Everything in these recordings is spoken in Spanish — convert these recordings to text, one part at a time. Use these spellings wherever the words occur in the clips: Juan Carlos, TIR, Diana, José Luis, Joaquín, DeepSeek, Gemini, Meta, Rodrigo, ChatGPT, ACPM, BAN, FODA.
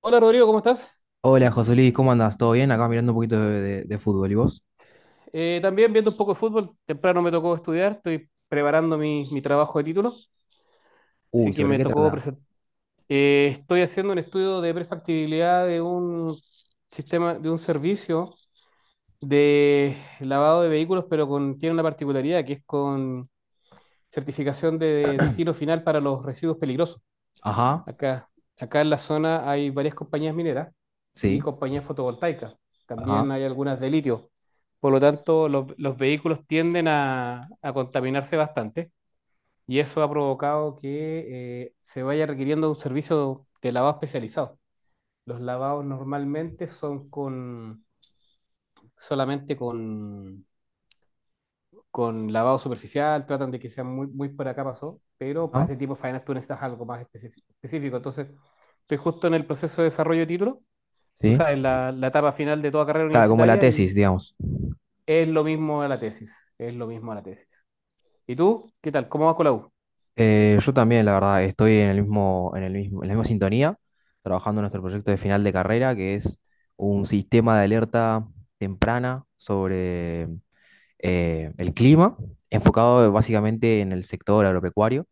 Hola Rodrigo, ¿cómo estás? Hola José Luis, ¿cómo andas? ¿Todo bien? Acá mirando un poquito de fútbol. ¿Y vos? También viendo un poco de fútbol, temprano me tocó estudiar, estoy preparando mi trabajo de título, así Uy, que ¿sobre me qué tocó trata? presentar. Estoy haciendo un estudio de prefactibilidad de un sistema, de un servicio de lavado de vehículos, pero tiene una particularidad que es con certificación de destino final para los residuos peligrosos. Ajá, Acá, acá, en la zona hay varias compañías mineras y sí, compañías fotovoltaicas. ajá, También hay algunas de litio. Por lo tanto, los vehículos tienden a contaminarse bastante y eso ha provocado que se vaya requiriendo un servicio de lavado especializado. Los lavados normalmente son solamente con lavado superficial, tratan de que sean muy, muy por acá pasó, pero para ajá, este tipo de faenas tú necesitas algo más específico. Entonces, estoy justo en el proceso de desarrollo de título. Tú sí. sabes, la etapa final de toda carrera Claro, como la universitaria. tesis, Y digamos. es lo mismo a la tesis, es lo mismo a la tesis. ¿Y tú? ¿Qué tal? ¿Cómo vas con la U? Yo también, la verdad, estoy en en la misma sintonía, trabajando en nuestro proyecto de final de carrera, que es un sistema de alerta temprana sobre el clima, enfocado básicamente en el sector agropecuario.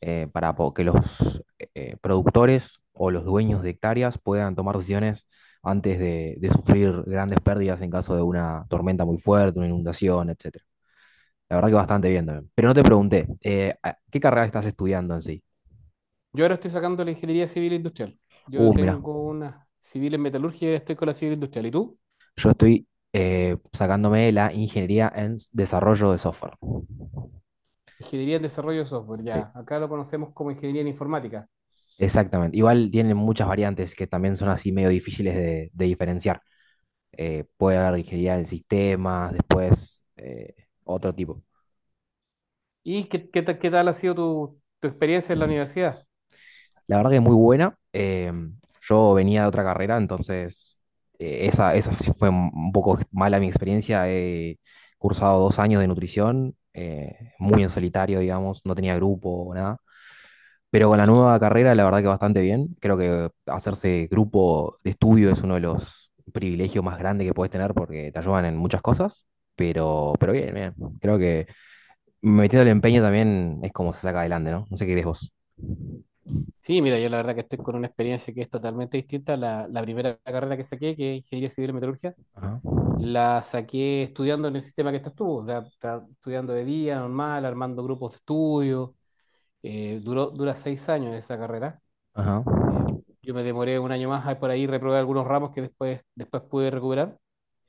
Que los productores o los dueños de hectáreas puedan tomar decisiones antes de sufrir grandes pérdidas en caso de una tormenta muy fuerte, una inundación, etcétera. La verdad que bastante bien también. Pero no te pregunté, ¿qué carrera estás estudiando en sí? Yo ahora estoy sacando la ingeniería civil e industrial. Yo Mira, tengo una civil en metalurgia y ahora estoy con la civil industrial. ¿Y tú? yo estoy sacándome la ingeniería en desarrollo de software. Ingeniería en desarrollo de software, Sí, ya. Acá lo conocemos como ingeniería en informática. exactamente. Igual tienen muchas variantes que también son así medio difíciles de diferenciar. Puede haber ingeniería en sistemas, después otro tipo. ¿Y qué tal ha sido tu experiencia en la universidad? La verdad que es muy buena. Yo venía de otra carrera, entonces esa sí fue un poco mala mi experiencia. He cursado 2 años de nutrición, muy en solitario, digamos, no tenía grupo o nada. Pero con la nueva carrera, la verdad que bastante bien. Creo que hacerse grupo de estudio es uno de los privilegios más grandes que puedes tener porque te ayudan en muchas cosas. Pero bien, bien. Creo que metiendo el empeño también es como se saca adelante, ¿no? No sé qué crees vos. Sí, mira, yo la verdad que estoy con una experiencia que es totalmente distinta a la primera carrera que saqué, que es ingeniería civil en metalurgia. Ajá. La saqué estudiando en el sistema que estás tú, estudiando de día, normal, armando grupos de estudio. Dura 6 años esa carrera. Ajá. Eh, yo me demoré un año más, ahí por ahí reprobé algunos ramos que después pude recuperar.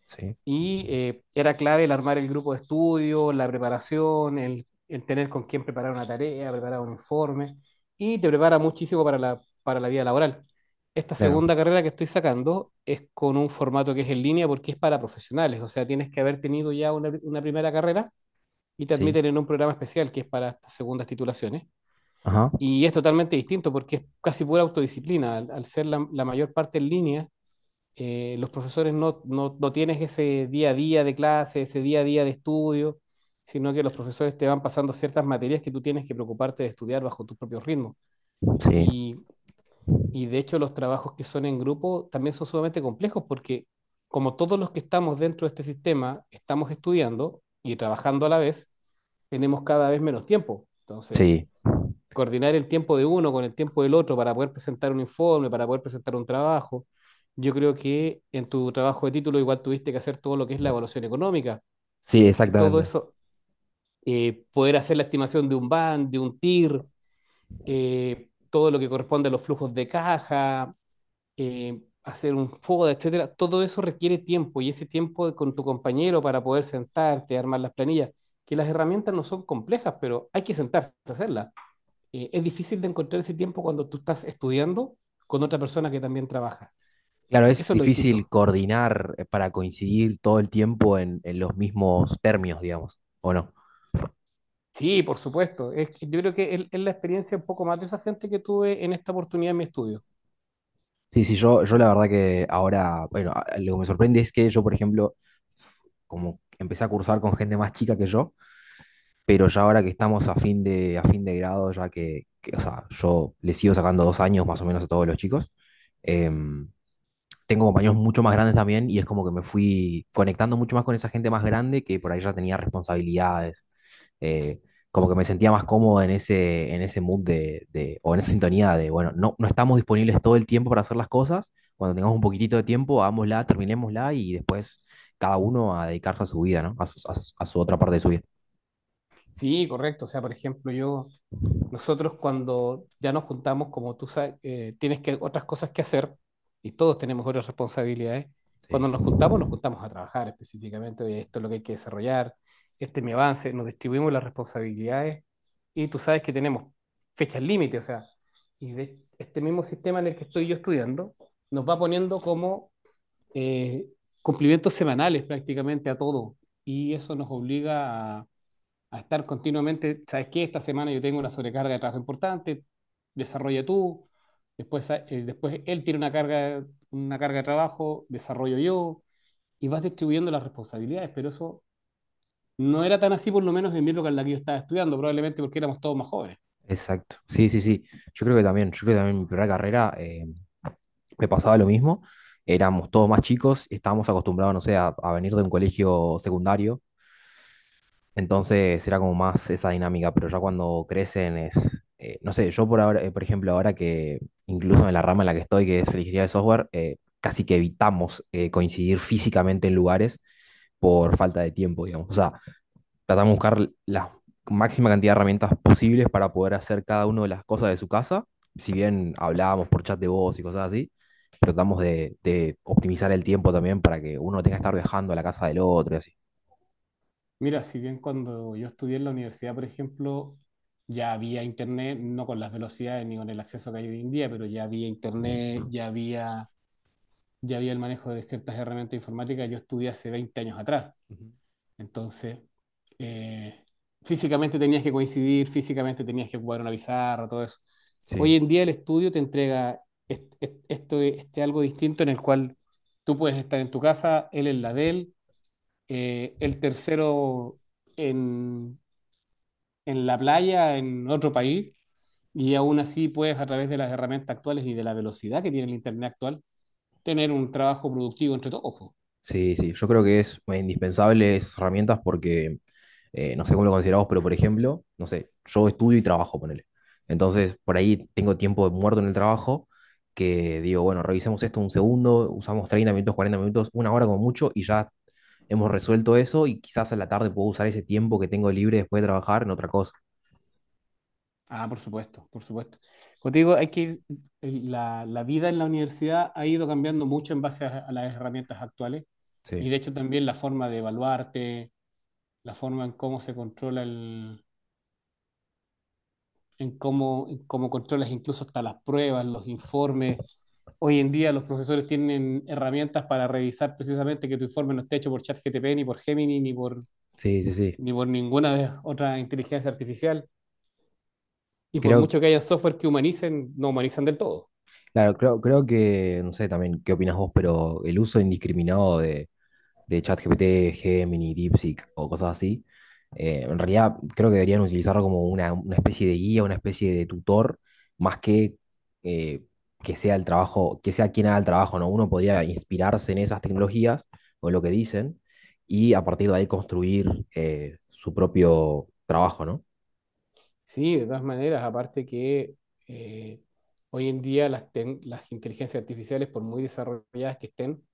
Sí, Y era clave el armar el grupo de estudio, la preparación, el tener con quién preparar una tarea, preparar un informe, y te prepara muchísimo para la vida laboral. Esta claro. segunda carrera que estoy sacando es con un formato que es en línea porque es para profesionales, o sea, tienes que haber tenido ya una primera carrera y te Sí. admiten en un programa especial que es para estas segundas titulaciones. Ajá. Y es totalmente distinto porque es casi pura autodisciplina, al ser la mayor parte en línea. Los profesores no tienes ese día a día de clase, ese día a día de estudio, sino que los profesores te van pasando ciertas materias que tú tienes que preocuparte de estudiar bajo tus propios ritmos. Sí. Y, y de hecho los trabajos que son en grupo también son sumamente complejos porque como todos los que estamos dentro de este sistema estamos estudiando y trabajando a la vez, tenemos cada vez menos tiempo. Entonces, Sí. coordinar el tiempo de uno con el tiempo del otro para poder presentar un informe, para poder presentar un trabajo. Yo creo que en tu trabajo de título igual tuviste que hacer todo lo que es la evaluación económica Sí, y todo exactamente. eso, poder hacer la estimación de un BAN, de un TIR, todo lo que corresponde a los flujos de caja, hacer un FODA, etcétera. Todo eso requiere tiempo y ese tiempo con tu compañero para poder sentarte, armar las planillas, que las herramientas no son complejas, pero hay que sentarse a hacerlas. Es difícil de encontrar ese tiempo cuando tú estás estudiando con otra persona que también trabaja. Claro, es Eso es lo difícil distinto. coordinar para coincidir todo el tiempo en los mismos términos, digamos, ¿o no? Sí, por supuesto. Que yo creo que es la experiencia un poco más de esa gente que tuve en esta oportunidad en mi estudio. Sí, sí, yo la verdad que ahora, bueno, lo que me sorprende es que yo, por ejemplo, como empecé a cursar con gente más chica que yo, pero ya ahora que estamos a fin de grado, ya o sea, yo le sigo sacando 2 años más o menos a todos los chicos, em, tengo compañeros mucho más grandes también y es como que me fui conectando mucho más con esa gente más grande que por ahí ya tenía responsabilidades, eh, como que me sentía más cómodo en ese mood o en esa sintonía de, bueno, no, no estamos disponibles todo el tiempo para hacer las cosas, cuando tengamos un poquitito de tiempo, hagámosla, terminémosla y después cada uno a dedicarse a su vida, ¿no? A a su otra parte de su vida. Sí, correcto. O sea, por ejemplo, nosotros cuando ya nos juntamos, como tú sabes, tienes que otras cosas que hacer y todos tenemos otras responsabilidades. Cuando Sí. Nos juntamos a trabajar específicamente. Oye, esto es lo que hay que desarrollar, este es mi avance, nos distribuimos las responsabilidades y tú sabes que tenemos fechas límite, o sea, y de este mismo sistema en el que estoy yo estudiando, nos va poniendo como eh, cumplimientos semanales prácticamente a todo y eso nos obliga a estar continuamente, ¿sabes qué? Esta semana yo tengo una sobrecarga de trabajo importante, desarrolla tú, después él tiene una carga de trabajo, desarrollo yo, y vas distribuyendo las responsabilidades, pero eso no era tan así por lo menos en mi época en la que yo estaba estudiando, probablemente porque éramos todos más jóvenes. Exacto, sí, sí, sí. Yo creo que también, yo creo que también en mi primera carrera me pasaba lo mismo. Éramos todos más chicos, estábamos acostumbrados, no sé, a venir de un colegio secundario. Entonces era como más esa dinámica, pero ya cuando crecen es, no sé, yo por ahora, por ejemplo, ahora que incluso en la rama en la que estoy, que es la ingeniería de software, casi que evitamos coincidir físicamente en lugares por falta de tiempo, digamos. O sea, tratamos de buscar la máxima cantidad de herramientas posibles para poder hacer cada una de las cosas de su casa. Si bien hablábamos por chat de voz y cosas así, tratamos de optimizar el tiempo también para que uno tenga que estar viajando a la casa del otro y así. Mira, si bien cuando yo estudié en la universidad, por ejemplo, ya había internet, no con las velocidades ni con el acceso que hay hoy en día, pero ya había internet, ya había el manejo de ciertas herramientas informáticas, yo estudié hace 20 años atrás. Ujú. Entonces, eh, físicamente tenías que coincidir, físicamente tenías que ocupar una pizarra, todo eso. Hoy Sí, en día el estudio te entrega este algo distinto en el cual tú puedes estar en tu casa, él en la de él, el tercero en, en la playa, en otro país, y aún así puedes a través de las herramientas actuales y de la velocidad que tiene el Internet actual, tener un trabajo productivo entre todos. sí, sí. Yo creo que es indispensable esas herramientas porque no sé cómo lo consideramos, pero por ejemplo, no sé, yo estudio y trabajo, ponele. Entonces, por ahí tengo tiempo muerto en el trabajo que digo, bueno, revisemos esto un segundo, usamos 30 minutos, 40 minutos, 1 hora como mucho y ya hemos resuelto eso y quizás a la tarde puedo usar ese tiempo que tengo libre después de trabajar en otra cosa. Ah, por supuesto, por supuesto. Como te digo, hay que ir, la vida en la universidad ha ido cambiando mucho en base a las herramientas actuales Sí, y de hecho también la forma de evaluarte, la forma en cómo en cómo controlas incluso hasta las pruebas, los informes. Hoy en día los profesores tienen herramientas para revisar precisamente que tu informe no esté hecho por ChatGPT, ni por Gemini, ni por, sí, sí, sí. ni por ninguna de otra inteligencia artificial. Y por Creo, mucho que haya software que humanicen, no humanizan del todo. creo que, no sé también qué opinas vos, pero el uso indiscriminado de ChatGPT, Gemini, DeepSeek o cosas así. En realidad creo que deberían utilizarlo como una especie de guía, una especie de tutor, más eh, que sea el trabajo, que sea quien haga el trabajo, ¿no? Uno podría inspirarse en esas tecnologías o en lo que dicen y a partir de ahí construir su propio trabajo, ¿no? Sí, de todas maneras, aparte que eh, hoy en día las inteligencias artificiales, por muy desarrolladas que estén,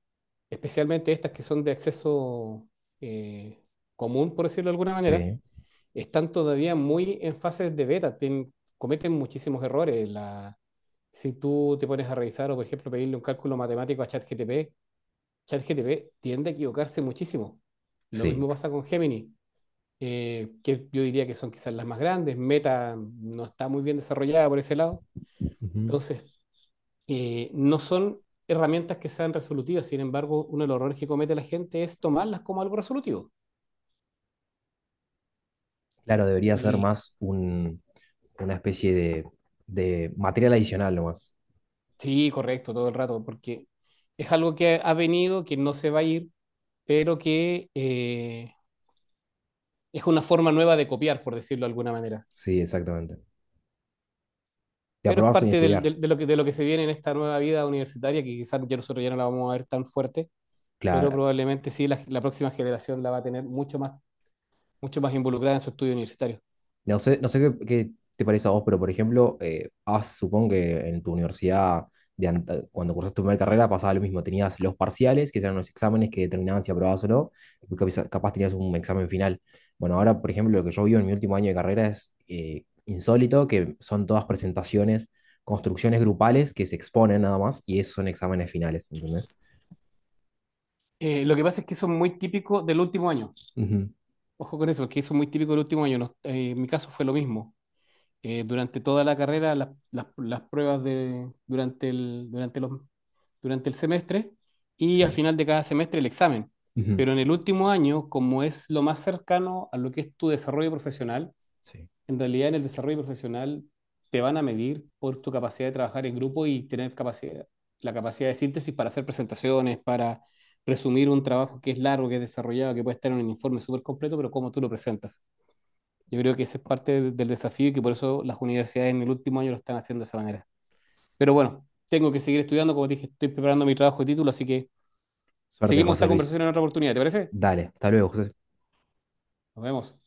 especialmente estas que son de acceso eh, común, por decirlo de alguna manera, Sí, están todavía muy en fases de beta, cometen muchísimos errores. Si tú te pones a revisar o, por ejemplo, pedirle un cálculo matemático a ChatGTP, ChatGTP tiende a equivocarse muchísimo. Lo sí. mismo pasa con Gemini que yo diría que son quizás las más grandes. Meta no está muy bien desarrollada por ese lado. Ujú. Entonces, no son herramientas que sean resolutivas. Sin embargo, uno de los errores que comete la gente es tomarlas como algo resolutivo. Claro, debería ser Y más un, una especie de material adicional nomás. sí, correcto, todo el rato, porque es algo que ha venido, que no se va a ir, pero que es una forma nueva de copiar, por decirlo de alguna manera. Sí, exactamente. De Pero es aprobar sin parte estudiar. De lo que se viene en esta nueva vida universitaria, que quizás ya nosotros ya no la vamos a ver tan fuerte, pero Claro, probablemente sí la próxima generación la va a tener mucho más involucrada en su estudio universitario. no sé, no sé qué te parece a vos, pero por ejemplo, supongo que en tu universidad, cuando cursaste tu primera carrera, pasaba lo mismo. Tenías los parciales, que eran los exámenes que determinaban si aprobabas o no, y tú capaz tenías un examen final. Bueno, ahora, por ejemplo, lo que yo vivo en mi último año de carrera es insólito, que son todas presentaciones, construcciones grupales que se exponen nada más, y esos son exámenes finales, ¿entendés? Lo que pasa es que eso es muy típico del último año. Ujú, Ojo con eso, porque eso es muy típico del último año. En mi caso fue lo mismo. Durante toda la carrera las pruebas de, durante el, durante los, durante el semestre y al sí. final de cada semestre el examen. Ujú, Pero en el último año, como es lo más cercano a lo que es tu desarrollo profesional, sí. en realidad en el desarrollo profesional te van a medir por tu capacidad de trabajar en grupo y la capacidad de síntesis para hacer presentaciones, para resumir un trabajo que es largo, que es desarrollado, que puede estar en un informe súper completo, pero cómo tú lo presentas. Yo creo que ese es parte del desafío y que por eso las universidades en el último año lo están haciendo de esa manera. Pero bueno, tengo que seguir estudiando, como te dije, estoy preparando mi trabajo de título, así que Suerte, seguimos esta José Luis. conversación en otra oportunidad, ¿te parece? Dale, hasta luego, José. Nos vemos.